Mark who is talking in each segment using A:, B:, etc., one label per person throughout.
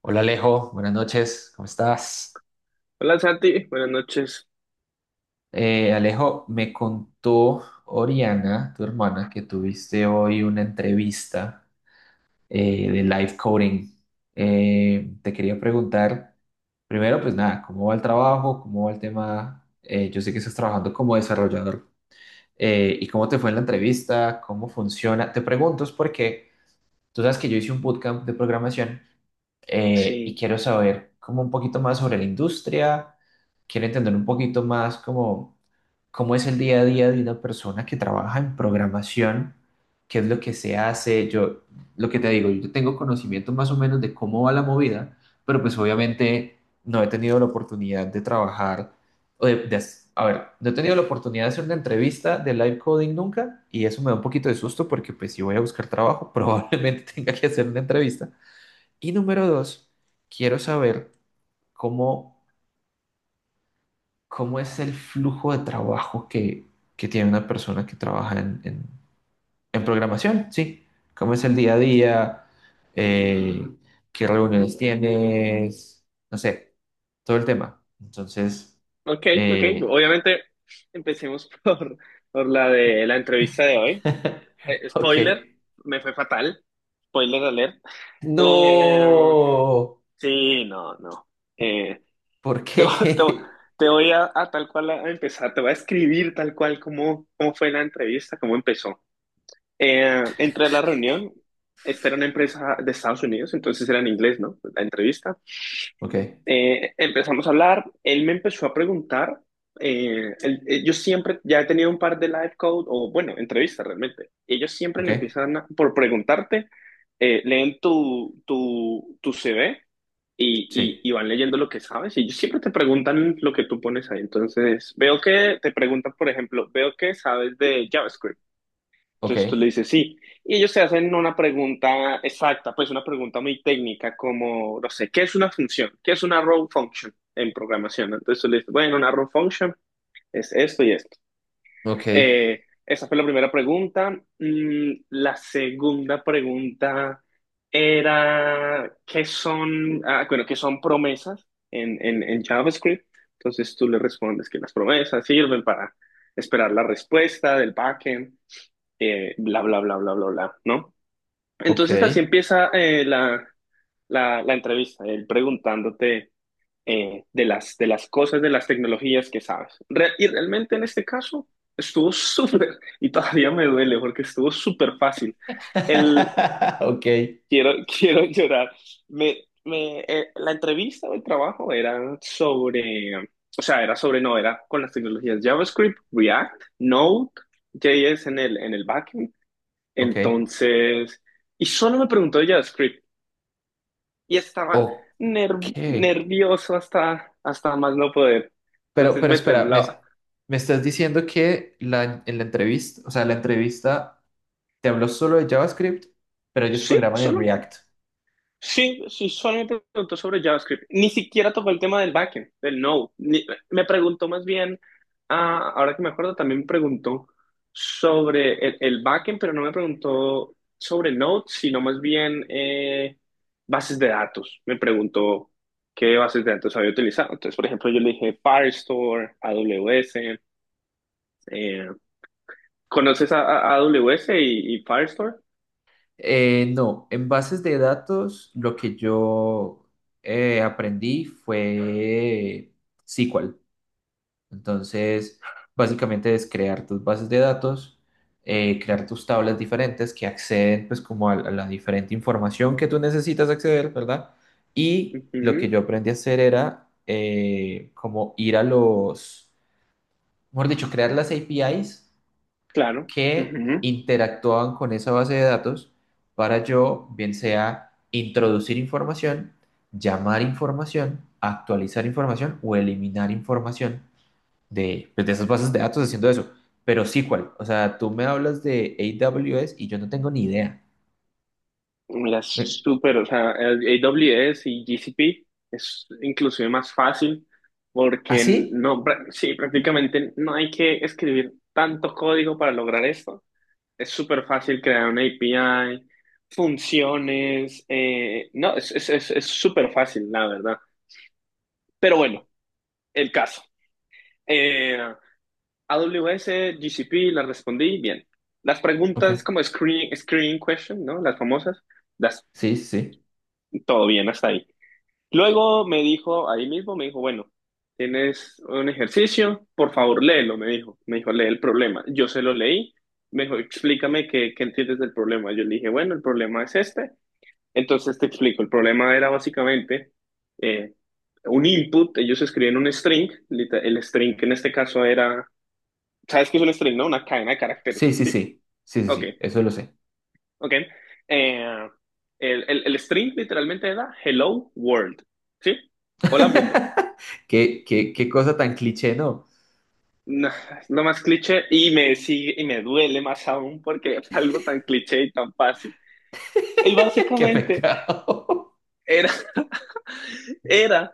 A: Hola Alejo, buenas noches, ¿cómo estás?
B: Hola Santi, buenas noches.
A: Alejo, me contó Oriana, tu hermana, que tuviste hoy una entrevista de live coding. Te quería preguntar, primero, pues nada, ¿cómo va el trabajo? ¿Cómo va el tema? Yo sé que estás trabajando como desarrollador. ¿Y cómo te fue en la entrevista? ¿Cómo funciona? Te pregunto es porque tú sabes que yo hice un bootcamp de programación, y
B: Sí,
A: quiero saber como un poquito más sobre la industria, quiero entender un poquito más como cómo es el día a día de una persona que trabaja en programación, qué es lo que se hace. Yo, lo que te digo, yo tengo conocimiento más o menos de cómo va la movida, pero pues obviamente no he tenido la oportunidad de trabajar o de hac- a ver, no he tenido la oportunidad de hacer una entrevista de live coding nunca y eso me da un poquito de susto porque pues si voy a buscar trabajo probablemente tenga que hacer una entrevista. Y número dos, quiero saber cómo, cómo es el flujo de trabajo que tiene una persona que trabaja en programación, ¿sí? ¿Cómo es el día a día? Eh, ¿qué reuniones tienes? No sé, todo el tema. Entonces,
B: ok, ok.
A: eh,
B: Obviamente empecemos por la de la entrevista de hoy.
A: ok.
B: Spoiler, me fue fatal. Spoiler alert. Eh,
A: No,
B: sí, no, no. Eh,
A: ¿por
B: te, vo- te- vo-
A: qué?
B: te voy a tal cual a empezar, te voy a escribir tal cual cómo fue la entrevista, cómo empezó. Entré a la reunión, esta era una empresa de Estados Unidos, entonces era en inglés, ¿no? La entrevista.
A: Ok,
B: Empezamos a hablar, él me empezó a preguntar, yo siempre ya he tenido un par de live code o bueno, entrevistas realmente, y ellos siempre
A: ok,
B: le empiezan por preguntarte, leen tu CV y, y,
A: sí,
B: y van leyendo lo que sabes y ellos siempre te preguntan lo que tú pones ahí, entonces veo que te preguntan, por ejemplo, veo que sabes de JavaScript. Entonces tú
A: ok,
B: le dices sí. Y ellos se hacen una pregunta exacta, pues una pregunta muy técnica, como, no sé, ¿qué es una función? ¿Qué es una row function en programación? Entonces tú le dices, bueno, una row function es esto y esto.
A: ok,
B: Esa fue la primera pregunta. La segunda pregunta era, ¿qué son promesas en JavaScript? Entonces tú le respondes que las promesas sirven para esperar la respuesta del backend, bla, bla, bla, bla, bla, bla, ¿no?
A: ok,
B: Entonces así empieza la entrevista, él preguntándote, de las cosas, de las tecnologías que sabes. Y realmente en este caso estuvo súper, y todavía me duele porque estuvo súper fácil. El,
A: ok.
B: quiero, quiero llorar. Me, la entrevista o el trabajo era sobre, o sea, era sobre, no, era con las tecnologías JavaScript, React, Node, JS en el backend,
A: Ok,
B: entonces, y solo me preguntó de JavaScript y estaba
A: ok.
B: ner- nervioso hasta más no poder. Entonces
A: Pero
B: me
A: espera,
B: temblaba.
A: me estás diciendo que en la entrevista, o sea, la entrevista te habló solo de JavaScript, pero ellos
B: Sí,
A: programan en
B: solo
A: React.
B: Sí, sí, solamente me preguntó sobre JavaScript. Ni siquiera tocó el tema del backend, del Node. Me preguntó más bien, ah, ahora que me acuerdo, también me preguntó sobre el backend, pero no me preguntó sobre Node, sino más bien, bases de datos. Me preguntó qué bases de datos había utilizado. Entonces, por ejemplo, yo le dije Firestore, AWS. eh, ¿Conoces AWS y Firestore?
A: No, en bases de datos lo que yo aprendí fue SQL. Entonces, básicamente es crear tus bases de datos, crear tus tablas diferentes que acceden pues como a la diferente información que tú necesitas acceder, ¿verdad? Y lo que
B: Ujú,
A: yo aprendí a hacer era como ir a los, mejor dicho, crear las APIs
B: claro.
A: que
B: Ujú.
A: interactuaban con esa base de datos para yo, bien sea introducir información, llamar información, actualizar información o eliminar información de, pues, de esas bases de datos haciendo eso. Pero SQL, o sea, tú me hablas de AWS y yo no tengo ni idea.
B: Mira, es
A: Me-
B: súper, o sea, el AWS y GCP es inclusive más fácil
A: ¿Ah,
B: porque
A: sí?
B: no, sí, prácticamente no hay que escribir tanto código para lograr esto. Es súper fácil crear una API, funciones, no, es súper fácil, la verdad. Pero bueno, el caso. Eh, AWS, GCP, las respondí bien. Las
A: Ok.
B: preguntas como screening question, ¿no? Las famosas, las,
A: Sí, sí.
B: todo bien hasta ahí. Luego me dijo, ahí mismo me dijo, bueno, tienes un ejercicio, por favor léelo, me dijo. Me dijo, lee el problema. Yo se lo leí, me dijo, explícame qué entiendes del problema. Yo le dije, bueno, el problema es este. Entonces te explico, el problema era básicamente, eh, un input, ellos escribían un string, el string en este caso era, ¿sabes qué es un string, no? Una cadena de
A: Sí,
B: caracteres,
A: sí,
B: ¿sí?
A: sí. Sí, sí,
B: Ok,
A: sí. Eso lo sé.
B: ok. Eh, el string literalmente era hello world, ¿sí? Hola mundo.
A: Qué, qué, qué cosa tan cliché, ¿no?
B: No, es lo más cliché y me sigue y me duele más aún porque es algo tan cliché y tan fácil. Y
A: Qué
B: básicamente
A: pecado.
B: era, era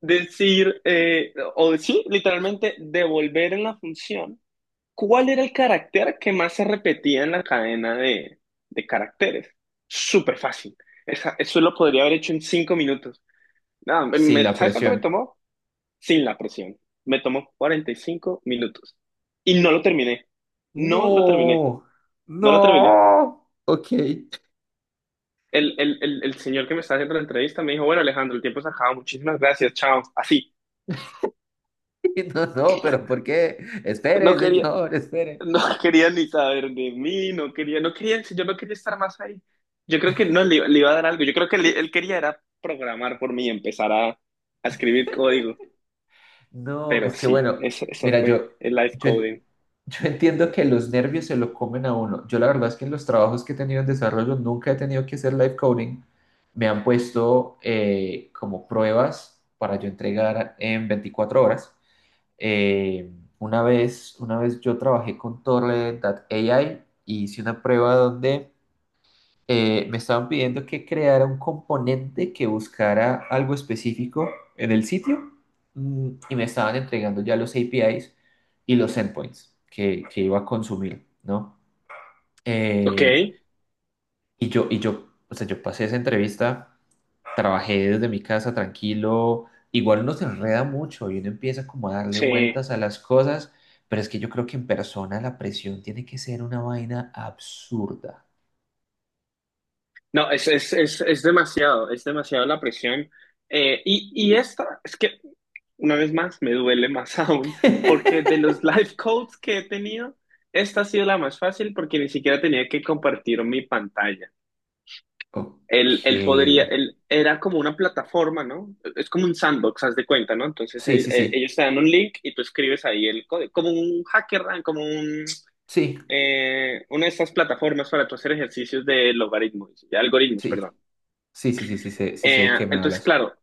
B: decir, o sí, literalmente devolver en la función cuál era el carácter que más se repetía en la cadena de caracteres. Súper fácil. Eso lo podría haber hecho en 5 minutos. Nada,
A: Sin la
B: ¿sabes cuánto me
A: presión.
B: tomó? Sin la presión. Me tomó 45 minutos. Y no lo terminé. No lo terminé.
A: No,
B: No lo terminé.
A: no. Ok.
B: El señor que me estaba haciendo la entrevista me dijo, bueno, Alejandro, el tiempo se acaba, muchísimas gracias, chao. Así.
A: No, no, pero ¿por qué?
B: No
A: Espere,
B: quería,
A: señor, espere.
B: no quería ni saber de mí, no quería, no quería, si yo no quería estar más ahí. Yo creo que no le iba a dar algo. Yo creo que él quería era programar por mí y empezar a escribir código.
A: No,
B: Pero
A: es que
B: sí,
A: bueno,
B: eso
A: mira, yo,
B: fue el live
A: yo, en-
B: coding.
A: yo entiendo que los nervios se lo comen a uno. Yo la verdad es que en los trabajos que he tenido en desarrollo nunca he tenido que hacer live coding. Me han puesto como pruebas para yo entregar en 24 horas. Eh, una vez, una vez yo trabajé con Torrent.ai y hice una prueba donde me estaban pidiendo que creara un componente que buscara algo específico en el sitio, mm, y me estaban entregando ya los APIs y los endpoints que iba a consumir, ¿no?
B: Ok,
A: Eh, y yo, y yo, o sea, yo pasé esa entrevista, trabajé desde mi casa tranquilo, igual uno se enreda mucho y uno empieza como a darle
B: sí.
A: vueltas a las cosas, pero es que yo creo que en persona la presión tiene que ser una vaina absurda.
B: No, es demasiado, es demasiado la presión. Y es que una vez más, me duele más aún, porque de los life codes que he tenido, esta ha sido la más fácil porque ni siquiera tenía que compartir mi pantalla.
A: Ok.
B: Él era como una plataforma, ¿no? Es como un sandbox, haz de cuenta, ¿no? Entonces,
A: Sí, sí, sí.
B: ellos te dan un link y tú escribes ahí el código, como un hacker, ¿no? como un,
A: Sí,
B: eh, una de estas plataformas para tú hacer ejercicios de logaritmos, de algoritmos, perdón.
A: sí. Sí, sí, sí, sí sé de qué me
B: Entonces,
A: hablas.
B: claro,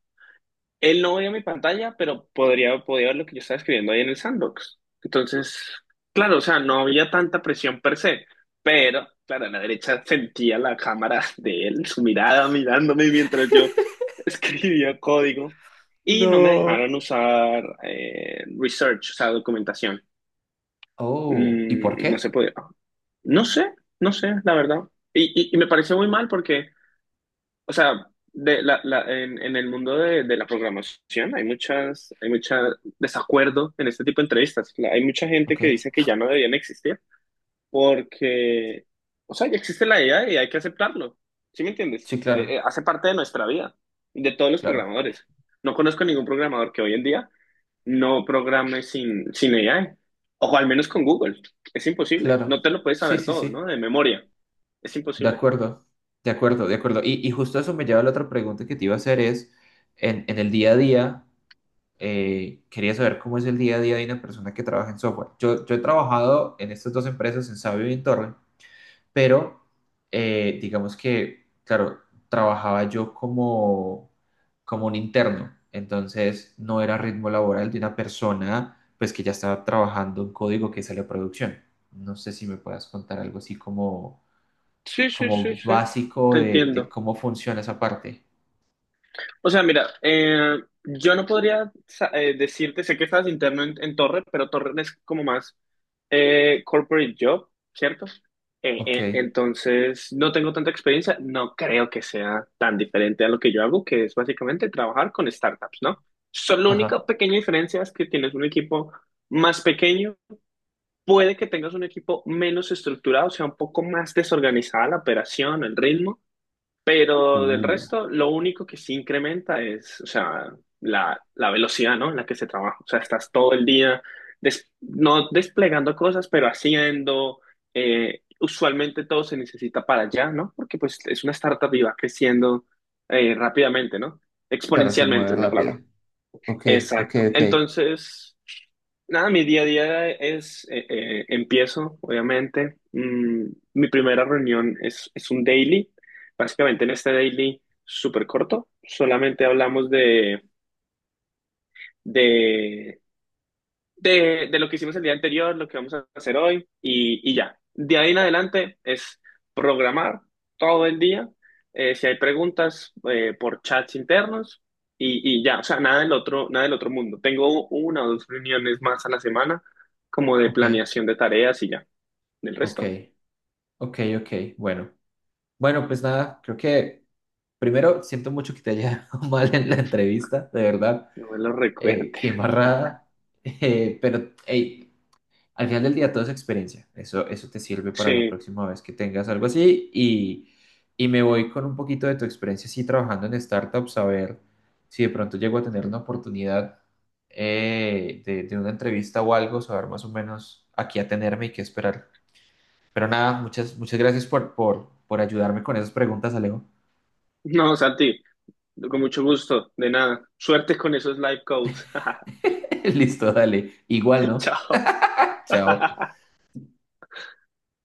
B: él no veía mi pantalla, pero podía ver lo que yo estaba escribiendo ahí en el sandbox. Entonces, claro, o sea, no había tanta presión per se, pero, claro, a la derecha sentía la cámara de él, su mirada mirándome mientras yo escribía código. Y no me
A: No.
B: dejaron usar, research, o sea, documentación.
A: Oh, ¿y por
B: No se
A: qué?
B: podía. No sé, no sé, la verdad. Y me pareció muy mal porque, o sea, de la, la- en el mundo de la programación hay mucha desacuerdo en este tipo de entrevistas. Hay mucha gente
A: Ok.
B: que dice que ya no debían existir porque, o sea, ya existe la IA y hay que aceptarlo. ¿Sí me entiendes?
A: Sí, claro,
B: Hace parte de nuestra vida, de todos los
A: claro,
B: programadores. No conozco ningún programador que hoy en día no programe sin AI, o al menos con Google. Es imposible. No
A: claro.
B: te lo puedes
A: Sí,
B: saber
A: sí,
B: todo, ¿no?
A: sí.
B: De memoria. Es
A: De
B: imposible.
A: acuerdo, de acuerdo, de acuerdo. Y justo eso me lleva a la otra pregunta que te iba a hacer es, en el día a día, quería saber cómo es el día a día de una persona que trabaja en software. Yo he trabajado en estas dos empresas, en Sabio y en Torrent, pero digamos que, claro, trabajaba yo como, como un interno, entonces no era ritmo laboral de una persona pues que ya estaba trabajando un código que sale a producción. No sé si me puedas contar algo así como,
B: Sí, sí, sí,
A: como
B: sí.
A: básico
B: Te
A: de
B: entiendo.
A: cómo funciona esa parte.
B: O sea, mira, yo no podría decirte, sé que estás interno en Torre, pero Torre es como más, corporate job, ¿cierto?
A: Ok.
B: Entonces, no tengo tanta experiencia, no creo que sea tan diferente a lo que yo hago, que es básicamente trabajar con startups, ¿no? Solo la única
A: Ajá,
B: pequeña diferencia es que tienes un equipo más pequeño, puede que tengas un equipo menos estructurado, o sea, un poco más desorganizada la operación, el ritmo, pero del
A: uh,
B: resto, lo único que sí incrementa es, o sea, la velocidad, ¿no? En la que se trabaja. O sea, estás todo el día, no desplegando cosas, pero haciendo. Usualmente todo se necesita para allá, ¿no? Porque pues es una startup y va creciendo, rápidamente, ¿no?
A: claro, se
B: Exponencialmente
A: mueve
B: es la
A: rápido.
B: palabra.
A: Ok, ok,
B: Exacto.
A: ok.
B: Entonces, nada, mi día a día empiezo, obviamente. Mi primera reunión es un daily. Básicamente en este daily súper corto, solamente hablamos de de lo que hicimos el día anterior, lo que vamos a hacer hoy y ya. De ahí en adelante es programar todo el día. Si hay preguntas, por chats internos, y ya, o sea, nada del otro, nada del otro mundo. Tengo una o dos reuniones más a la semana como de
A: Ok,
B: planeación de tareas y ya. Del
A: ok,
B: resto.
A: ok, ok. Bueno, bueno, pues nada, creo que primero siento mucho que te haya ido mal en la entrevista, de verdad,
B: No me lo recuerde.
A: qué embarrada, Pero hey, al final del día todo es experiencia, eso te sirve para la
B: Sí,
A: próxima vez que tengas algo así y me voy con un poquito de tu experiencia así trabajando en startups a ver si de pronto llego a tener una oportunidad de una entrevista o algo, saber más o menos a qué atenerme y qué esperar. Pero nada, muchas, muchas gracias por ayudarme con esas preguntas, Alejo.
B: no, Santi, con mucho gusto, de nada. Suerte con esos live codes.
A: Listo, dale. Igual, ¿no?
B: Chao.
A: Chao.